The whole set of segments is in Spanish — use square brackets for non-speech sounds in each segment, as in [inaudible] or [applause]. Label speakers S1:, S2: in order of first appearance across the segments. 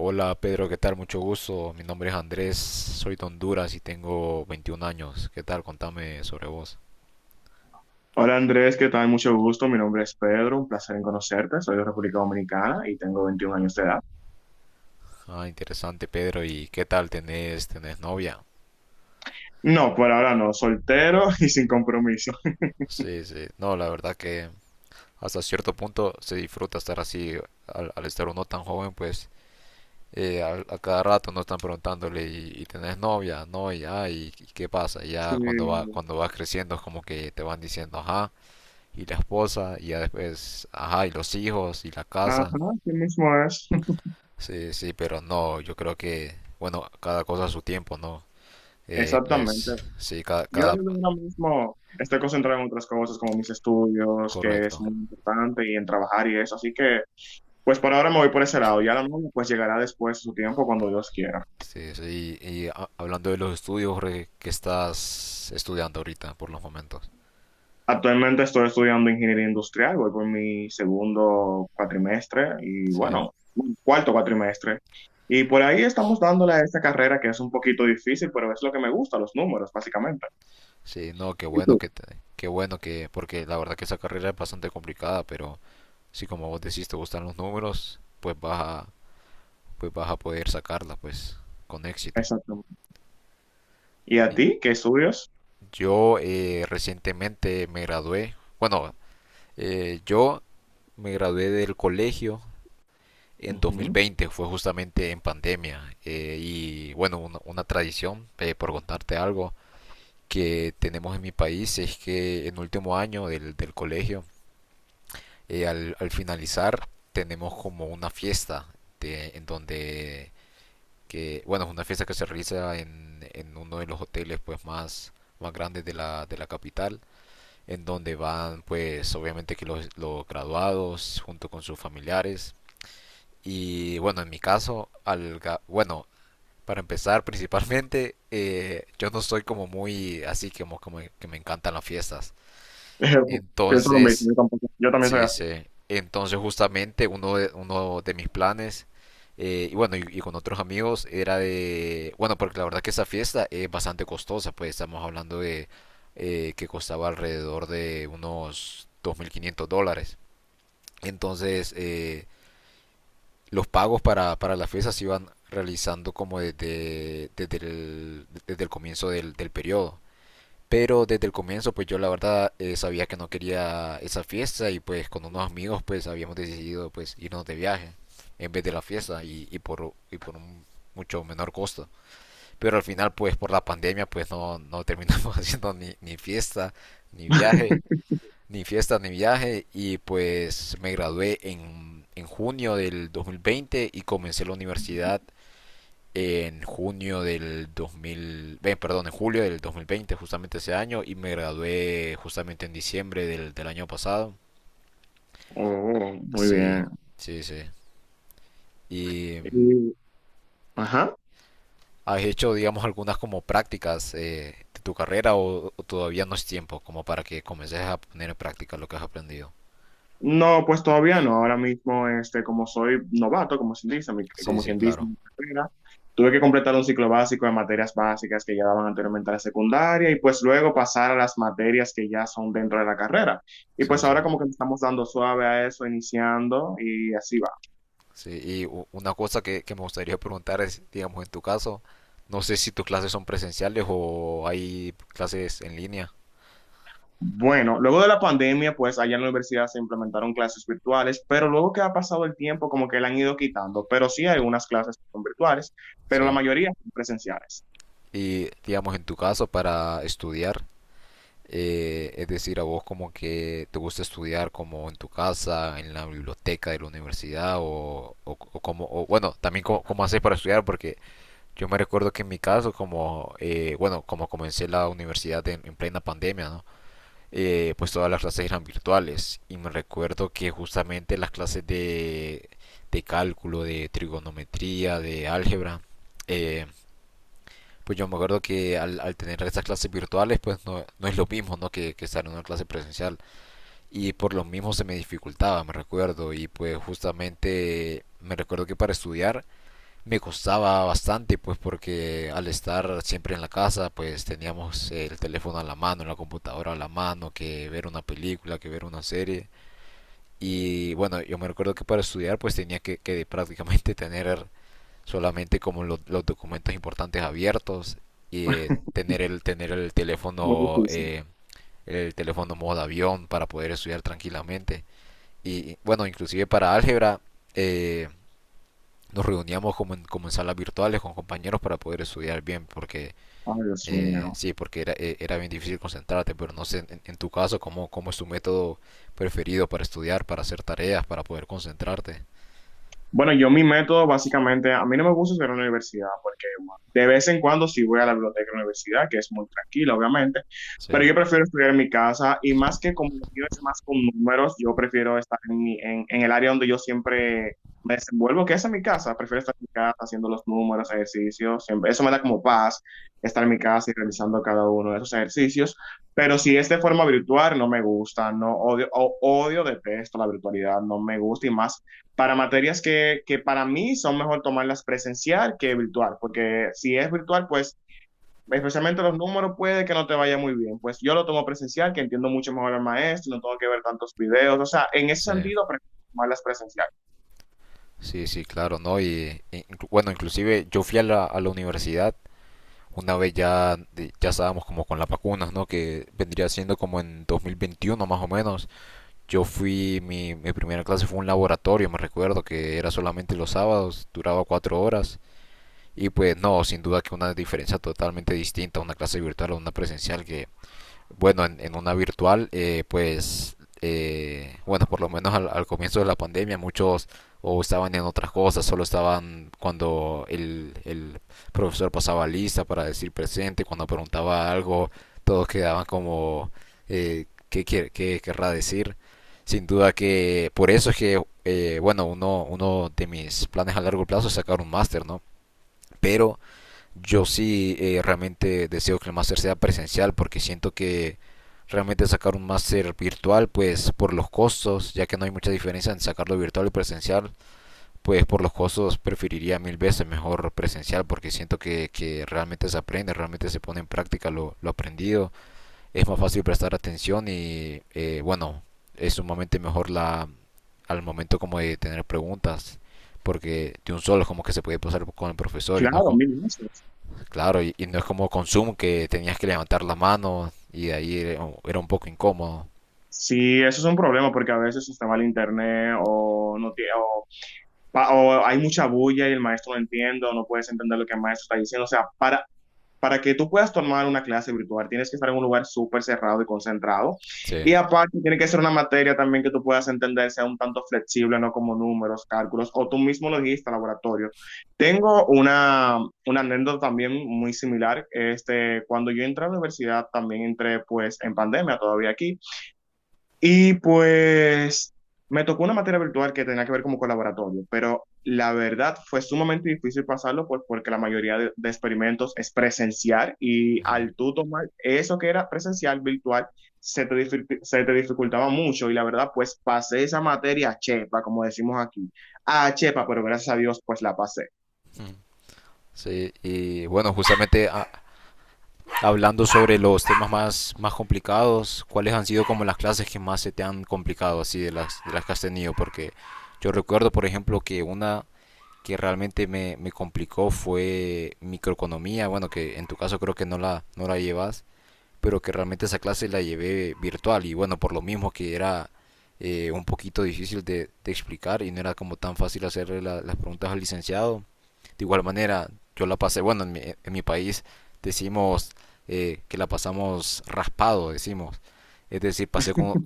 S1: Hola Pedro, ¿qué tal? Mucho gusto. Mi nombre es Andrés, soy de Honduras y tengo 21 años. ¿Qué tal? Contame sobre vos.
S2: Hola Andrés, ¿qué tal? Mucho gusto. Mi nombre es Pedro, un placer en conocerte. Soy de República Dominicana y tengo 21 años de edad.
S1: Ah, interesante Pedro. ¿Y qué tal? ¿Tenés novia?
S2: No, por ahora no, soltero [laughs] y sin compromiso. [laughs]
S1: Sí, sí. No, la verdad que hasta cierto punto se disfruta estar así. Al estar uno tan joven, pues cada rato nos están preguntándole y tenés novia, no, y, ah, y qué pasa. Y
S2: Sí,
S1: ya cuando vas creciendo es como que te van diciendo, ajá, y la esposa, y ya después, ajá, y los hijos, y la
S2: ajá,
S1: casa.
S2: sí mismo es. [laughs]
S1: Sí, sí, pero no, yo creo que, bueno, cada cosa a su tiempo, ¿no?
S2: Exactamente.
S1: Pues sí,
S2: Yo ahora mismo ahora mismo estoy concentrado en otras cosas como mis estudios, que es
S1: correcto.
S2: muy importante, y en trabajar y eso. Así que, pues por ahora me voy por ese lado. Ya la novia pues llegará después de su tiempo cuando Dios quiera.
S1: Sí, sí, y, hablando de los estudios, Jorge, ¿qué estás estudiando ahorita por los momentos?
S2: Actualmente estoy estudiando ingeniería industrial, voy por mi segundo cuatrimestre y
S1: Sí,
S2: bueno, cuarto cuatrimestre. Y por ahí estamos dándole a esta carrera que es un poquito difícil, pero es lo que me gusta, los números, básicamente.
S1: sí, no,
S2: ¿Y tú?
S1: qué bueno que, porque la verdad que esa carrera es bastante complicada, pero si como vos decís te gustan los números, pues pues vas a poder sacarla, pues, con éxito.
S2: Exactamente. ¿Y a
S1: Y
S2: ti? ¿Qué estudias?
S1: Yo Recientemente me gradué, bueno, yo me gradué del colegio en
S2: Ujú.
S1: 2020, fue justamente en pandemia. Y bueno, una tradición, por contarte algo, que tenemos en mi país es que en último año del colegio, al finalizar, tenemos como una fiesta en donde, que, bueno, es una fiesta que se realiza en uno de los hoteles pues más, más grandes de la capital, en donde van pues obviamente que los graduados junto con sus familiares. Y bueno, en mi caso, bueno, para empezar, [laughs] principalmente, yo no soy como muy así como, como que me encantan las fiestas.
S2: [laughs] Pienso lo mismo,
S1: Entonces,
S2: yo tampoco, yo también soy
S1: sí,
S2: así.
S1: sí. Entonces, justamente, uno de mis planes, y bueno, y con otros amigos, era de, bueno, porque la verdad que esa fiesta es bastante costosa, pues estamos hablando de que costaba alrededor de unos $2,500. Entonces, los pagos para las fiestas se iban realizando como desde el comienzo del, del periodo. Pero desde el comienzo, pues yo la verdad sabía que no quería esa fiesta y pues con unos amigos pues habíamos decidido pues irnos de viaje en vez de la fiesta y, y por un mucho menor costo. Pero al final pues por la pandemia pues no, no terminamos [laughs] haciendo ni, ni fiesta ni viaje
S2: [laughs]
S1: ni fiestas ni viajes y pues me gradué en junio del 2020 y comencé la universidad en junio del 2000, perdón, en julio del 2020, justamente ese año, y me gradué justamente en diciembre del, del año pasado.
S2: Oh, muy
S1: Sí,
S2: bien.
S1: sí, sí. ¿Y
S2: Y- ajá.
S1: has hecho, digamos, algunas como prácticas de tu carrera o todavía no es tiempo como para que comiences a poner en práctica lo que has aprendido?
S2: No, pues todavía no. Ahora mismo, este, como soy novato, como se dice, mi-
S1: Sí,
S2: como
S1: sí,
S2: quien dice,
S1: claro.
S2: en mi carrera, tuve que completar un ciclo básico de materias básicas que ya daban anteriormente a la secundaria y pues luego pasar a las materias que ya son dentro de la carrera. Y
S1: Sí,
S2: pues
S1: sí.
S2: ahora como que le estamos dando suave a eso, iniciando y así va.
S1: Sí, y una cosa que me gustaría preguntar es, digamos, en tu caso, no sé si tus clases son presenciales o hay clases en línea.
S2: Bueno, luego de la pandemia, pues allá en la universidad se implementaron clases virtuales, pero luego que ha pasado el tiempo, como que la han ido quitando. Pero sí hay unas clases que son virtuales, pero la
S1: Sí.
S2: mayoría son presenciales.
S1: Y, digamos, en tu caso, para estudiar, es decir, a vos como que te gusta estudiar como en tu casa, en la biblioteca de la universidad o, bueno, también cómo, cómo haces para estudiar, porque yo me recuerdo que en mi caso, como, bueno, como comencé la universidad en plena pandemia, ¿no? Pues todas las clases eran virtuales y me recuerdo que justamente las clases de cálculo, de trigonometría, de álgebra, eh, pues yo me acuerdo que al tener estas clases virtuales pues no, no es lo mismo ¿no? Que estar en una clase presencial y por lo mismo se me dificultaba, me recuerdo y pues justamente me recuerdo que para estudiar me costaba bastante, pues porque al estar siempre en la casa, pues teníamos el teléfono a la mano, la computadora a la mano, que ver una película, que ver una serie. Y bueno, yo me recuerdo que para estudiar, pues que prácticamente [laughs] tener solamente como los documentos importantes abiertos y
S2: [laughs]
S1: tener
S2: Muy difícil.
S1: el teléfono modo avión para poder estudiar tranquilamente y bueno inclusive para álgebra eh, nos reuníamos como en salas virtuales con compañeros para poder estudiar bien, porque
S2: Ay, Dios mío.
S1: sí, porque era bien difícil concentrarte, pero no sé en tu caso cómo, cómo es tu método preferido para estudiar, para hacer tareas, para poder concentrarte.
S2: Bueno, yo mi método básicamente, a mí no me gusta hacer en la universidad porque bueno, de vez en cuando sí voy a la biblioteca de la universidad, que es muy tranquila, obviamente,
S1: Sí,
S2: pero yo prefiero estudiar en mi casa y más que como lo es más con números, yo prefiero estar en, mi- en el área donde yo siempre me desenvuelvo, que es en mi casa. Prefiero estar en mi casa haciendo los números, ejercicios, siempre. Eso me da como paz, estar en mi casa y realizando cada uno de esos ejercicios. Pero si es de forma virtual, no me gusta, no odio, o- odio, detesto la virtualidad, no me gusta y más para materias que para mí son mejor tomarlas presencial que virtual, porque si es virtual, pues especialmente los números puede que no te vaya muy bien. Pues yo lo tomo presencial, que entiendo mucho mejor al maestro, no tengo que ver tantos videos, o sea, en ese
S1: sí.
S2: sentido, prefiero tomarlas presencial.
S1: Sí, sí, claro, ¿no? Y, bueno, inclusive yo fui a la universidad una vez ya, ya estábamos como con las vacunas, ¿no? Que vendría siendo como en 2021 más o menos. Yo fui, mi primera clase fue un laboratorio, me recuerdo que era solamente los sábados, duraba 4 horas. Y pues no, sin duda que una diferencia totalmente distinta a una clase virtual o una presencial que bueno, en una virtual, bueno, por lo menos al comienzo de la pandemia, muchos o estaban en otras cosas, solo estaban cuando el profesor pasaba lista para decir presente, cuando preguntaba algo, todos quedaban como, ¿ qué querrá decir? Sin duda que por eso es que, bueno, uno de mis planes a largo plazo es sacar un máster, ¿no? Pero yo sí realmente deseo que el máster sea presencial porque siento que realmente sacar un máster virtual, pues por los costos, ya que no hay mucha diferencia en sacarlo virtual y presencial, pues por los costos preferiría mil veces mejor presencial porque siento que realmente se aprende, realmente se pone en práctica lo aprendido, es más fácil prestar atención y bueno, es sumamente mejor la, al momento como de tener preguntas porque de un solo como que se puede pasar con el profesor y no es
S2: Claro,
S1: como,
S2: mil veces.
S1: claro, y no es como con Zoom que tenías que levantar la mano y de ahí era un poco incómodo.
S2: Sí, eso es un problema porque a veces usted mal internet o no tie- o, pa- o hay mucha bulla y el maestro no entiende o no puedes entender lo que el maestro está diciendo. O sea, para que tú puedas tomar una clase virtual, tienes que estar en un lugar súper cerrado y concentrado.
S1: Sí.
S2: Y aparte, tiene que ser una materia también que tú puedas entender, sea un tanto flexible, no como números, cálculos, o tú mismo lo dijiste, laboratorio. Tengo una anécdota también muy similar. Este, cuando yo entré a la universidad, también entré pues en pandemia todavía aquí. Y pues me tocó una materia virtual que tenía que ver como con laboratorio, pero la verdad fue sumamente difícil pasarlo pues, porque la mayoría de experimentos es presencial y
S1: Ujú.
S2: al tú tomar eso que era presencial, virtual, se te, dificu- se te dificultaba mucho y la verdad pues pasé esa materia a chepa, como decimos aquí, a chepa, pero gracias a Dios pues la pasé.
S1: Ujú. Sí, y bueno, justamente hablando sobre los temas más, más complicados, ¿cuáles han sido como las clases que más se te han complicado así de las que has tenido? Porque yo recuerdo, por ejemplo, que una que realmente me, me complicó fue microeconomía, bueno, que en tu caso creo que no la, no la llevas, pero que realmente esa clase la llevé virtual y bueno, por lo mismo que era un poquito difícil de explicar y no era como tan fácil hacerle la, las preguntas al licenciado. De igual manera, yo la pasé, bueno, en mi país decimos que la pasamos raspado, decimos. Es decir,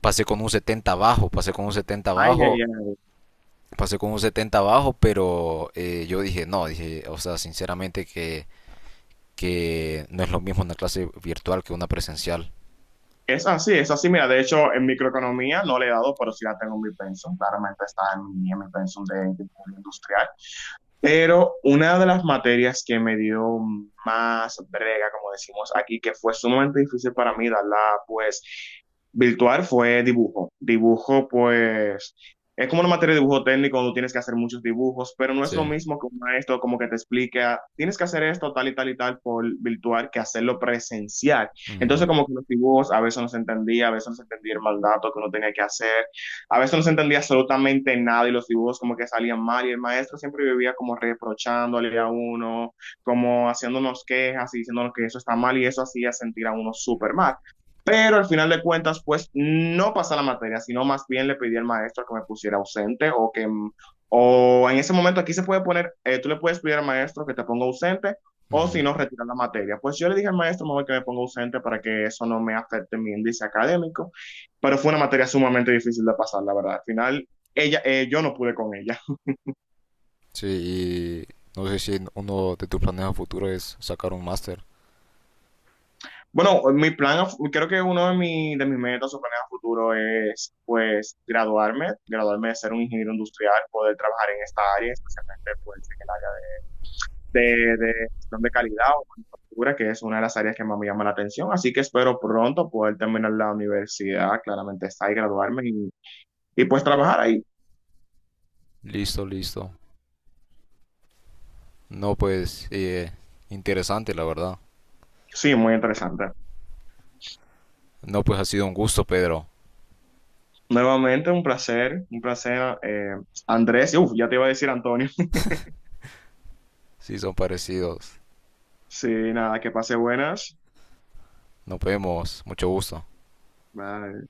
S1: pasé con un 70 bajo, pasé con un 70
S2: Ay, ay,
S1: bajo,
S2: ay.
S1: pasé con un 70 bajo, pero yo dije, no, dije, o sea, sinceramente que no es lo mismo una clase virtual que una presencial.
S2: Es así, es así. Mira, de hecho, en microeconomía no le he dado, pero sí la tengo en mi pensum. Claramente está en mi pensum de ingeniería industrial. Pero una de las materias que me dio más brega, como decimos aquí, que fue sumamente difícil para mí darla, pues, virtual, fue dibujo. Dibujo, pues, es como una materia de dibujo técnico donde tienes que hacer muchos dibujos, pero no es lo
S1: Sí.
S2: mismo que un maestro como que te explica, tienes que hacer esto tal y tal y tal por virtual que hacerlo presencial.
S1: Ujú,
S2: Entonces como que los dibujos a veces no se entendía, a veces no se entendía el mandato que uno tenía que hacer, a veces no se entendía absolutamente nada y los dibujos como que salían mal y el maestro siempre vivía como reprochándole a uno, como haciéndonos quejas y diciéndonos que eso está mal y eso hacía sentir a uno súper mal. Pero al final de cuentas, pues no pasa la materia, sino más bien le pedí al maestro que me pusiera ausente o que, mm, o en ese momento aquí se puede poner, tú le puedes pedir al maestro que te ponga ausente o si
S1: ujú.
S2: no, retirar la materia. Pues yo le dije al maestro, mejor que me ponga ausente para que eso no me afecte mi índice académico, pero fue una materia sumamente difícil de pasar, la verdad. Al final, ella, yo no pude con ella.
S1: Sí, y no sé si uno de tus planes a futuro es sacar un máster.
S2: Bueno, mi plan, a fu- creo que uno de, mi- de mis metas o planes a futuro es, pues, graduarme, graduarme de ser un ingeniero industrial, poder trabajar en esta área, especialmente, pues, en el área de gestión de calidad o manufactura, que es una de las áreas que más me llama la atención. Así que espero pronto poder terminar la universidad, claramente está y graduarme y pues trabajar ahí.
S1: Listo, listo. No, pues, interesante, la verdad.
S2: Sí, muy interesante.
S1: No, pues ha sido un gusto, Pedro.
S2: Nuevamente, un placer, Andrés. Uf, ya te iba a decir Antonio. [laughs]
S1: Sí, son parecidos.
S2: Sí, nada, que pase buenas.
S1: Nos vemos. Mucho gusto.
S2: Bye.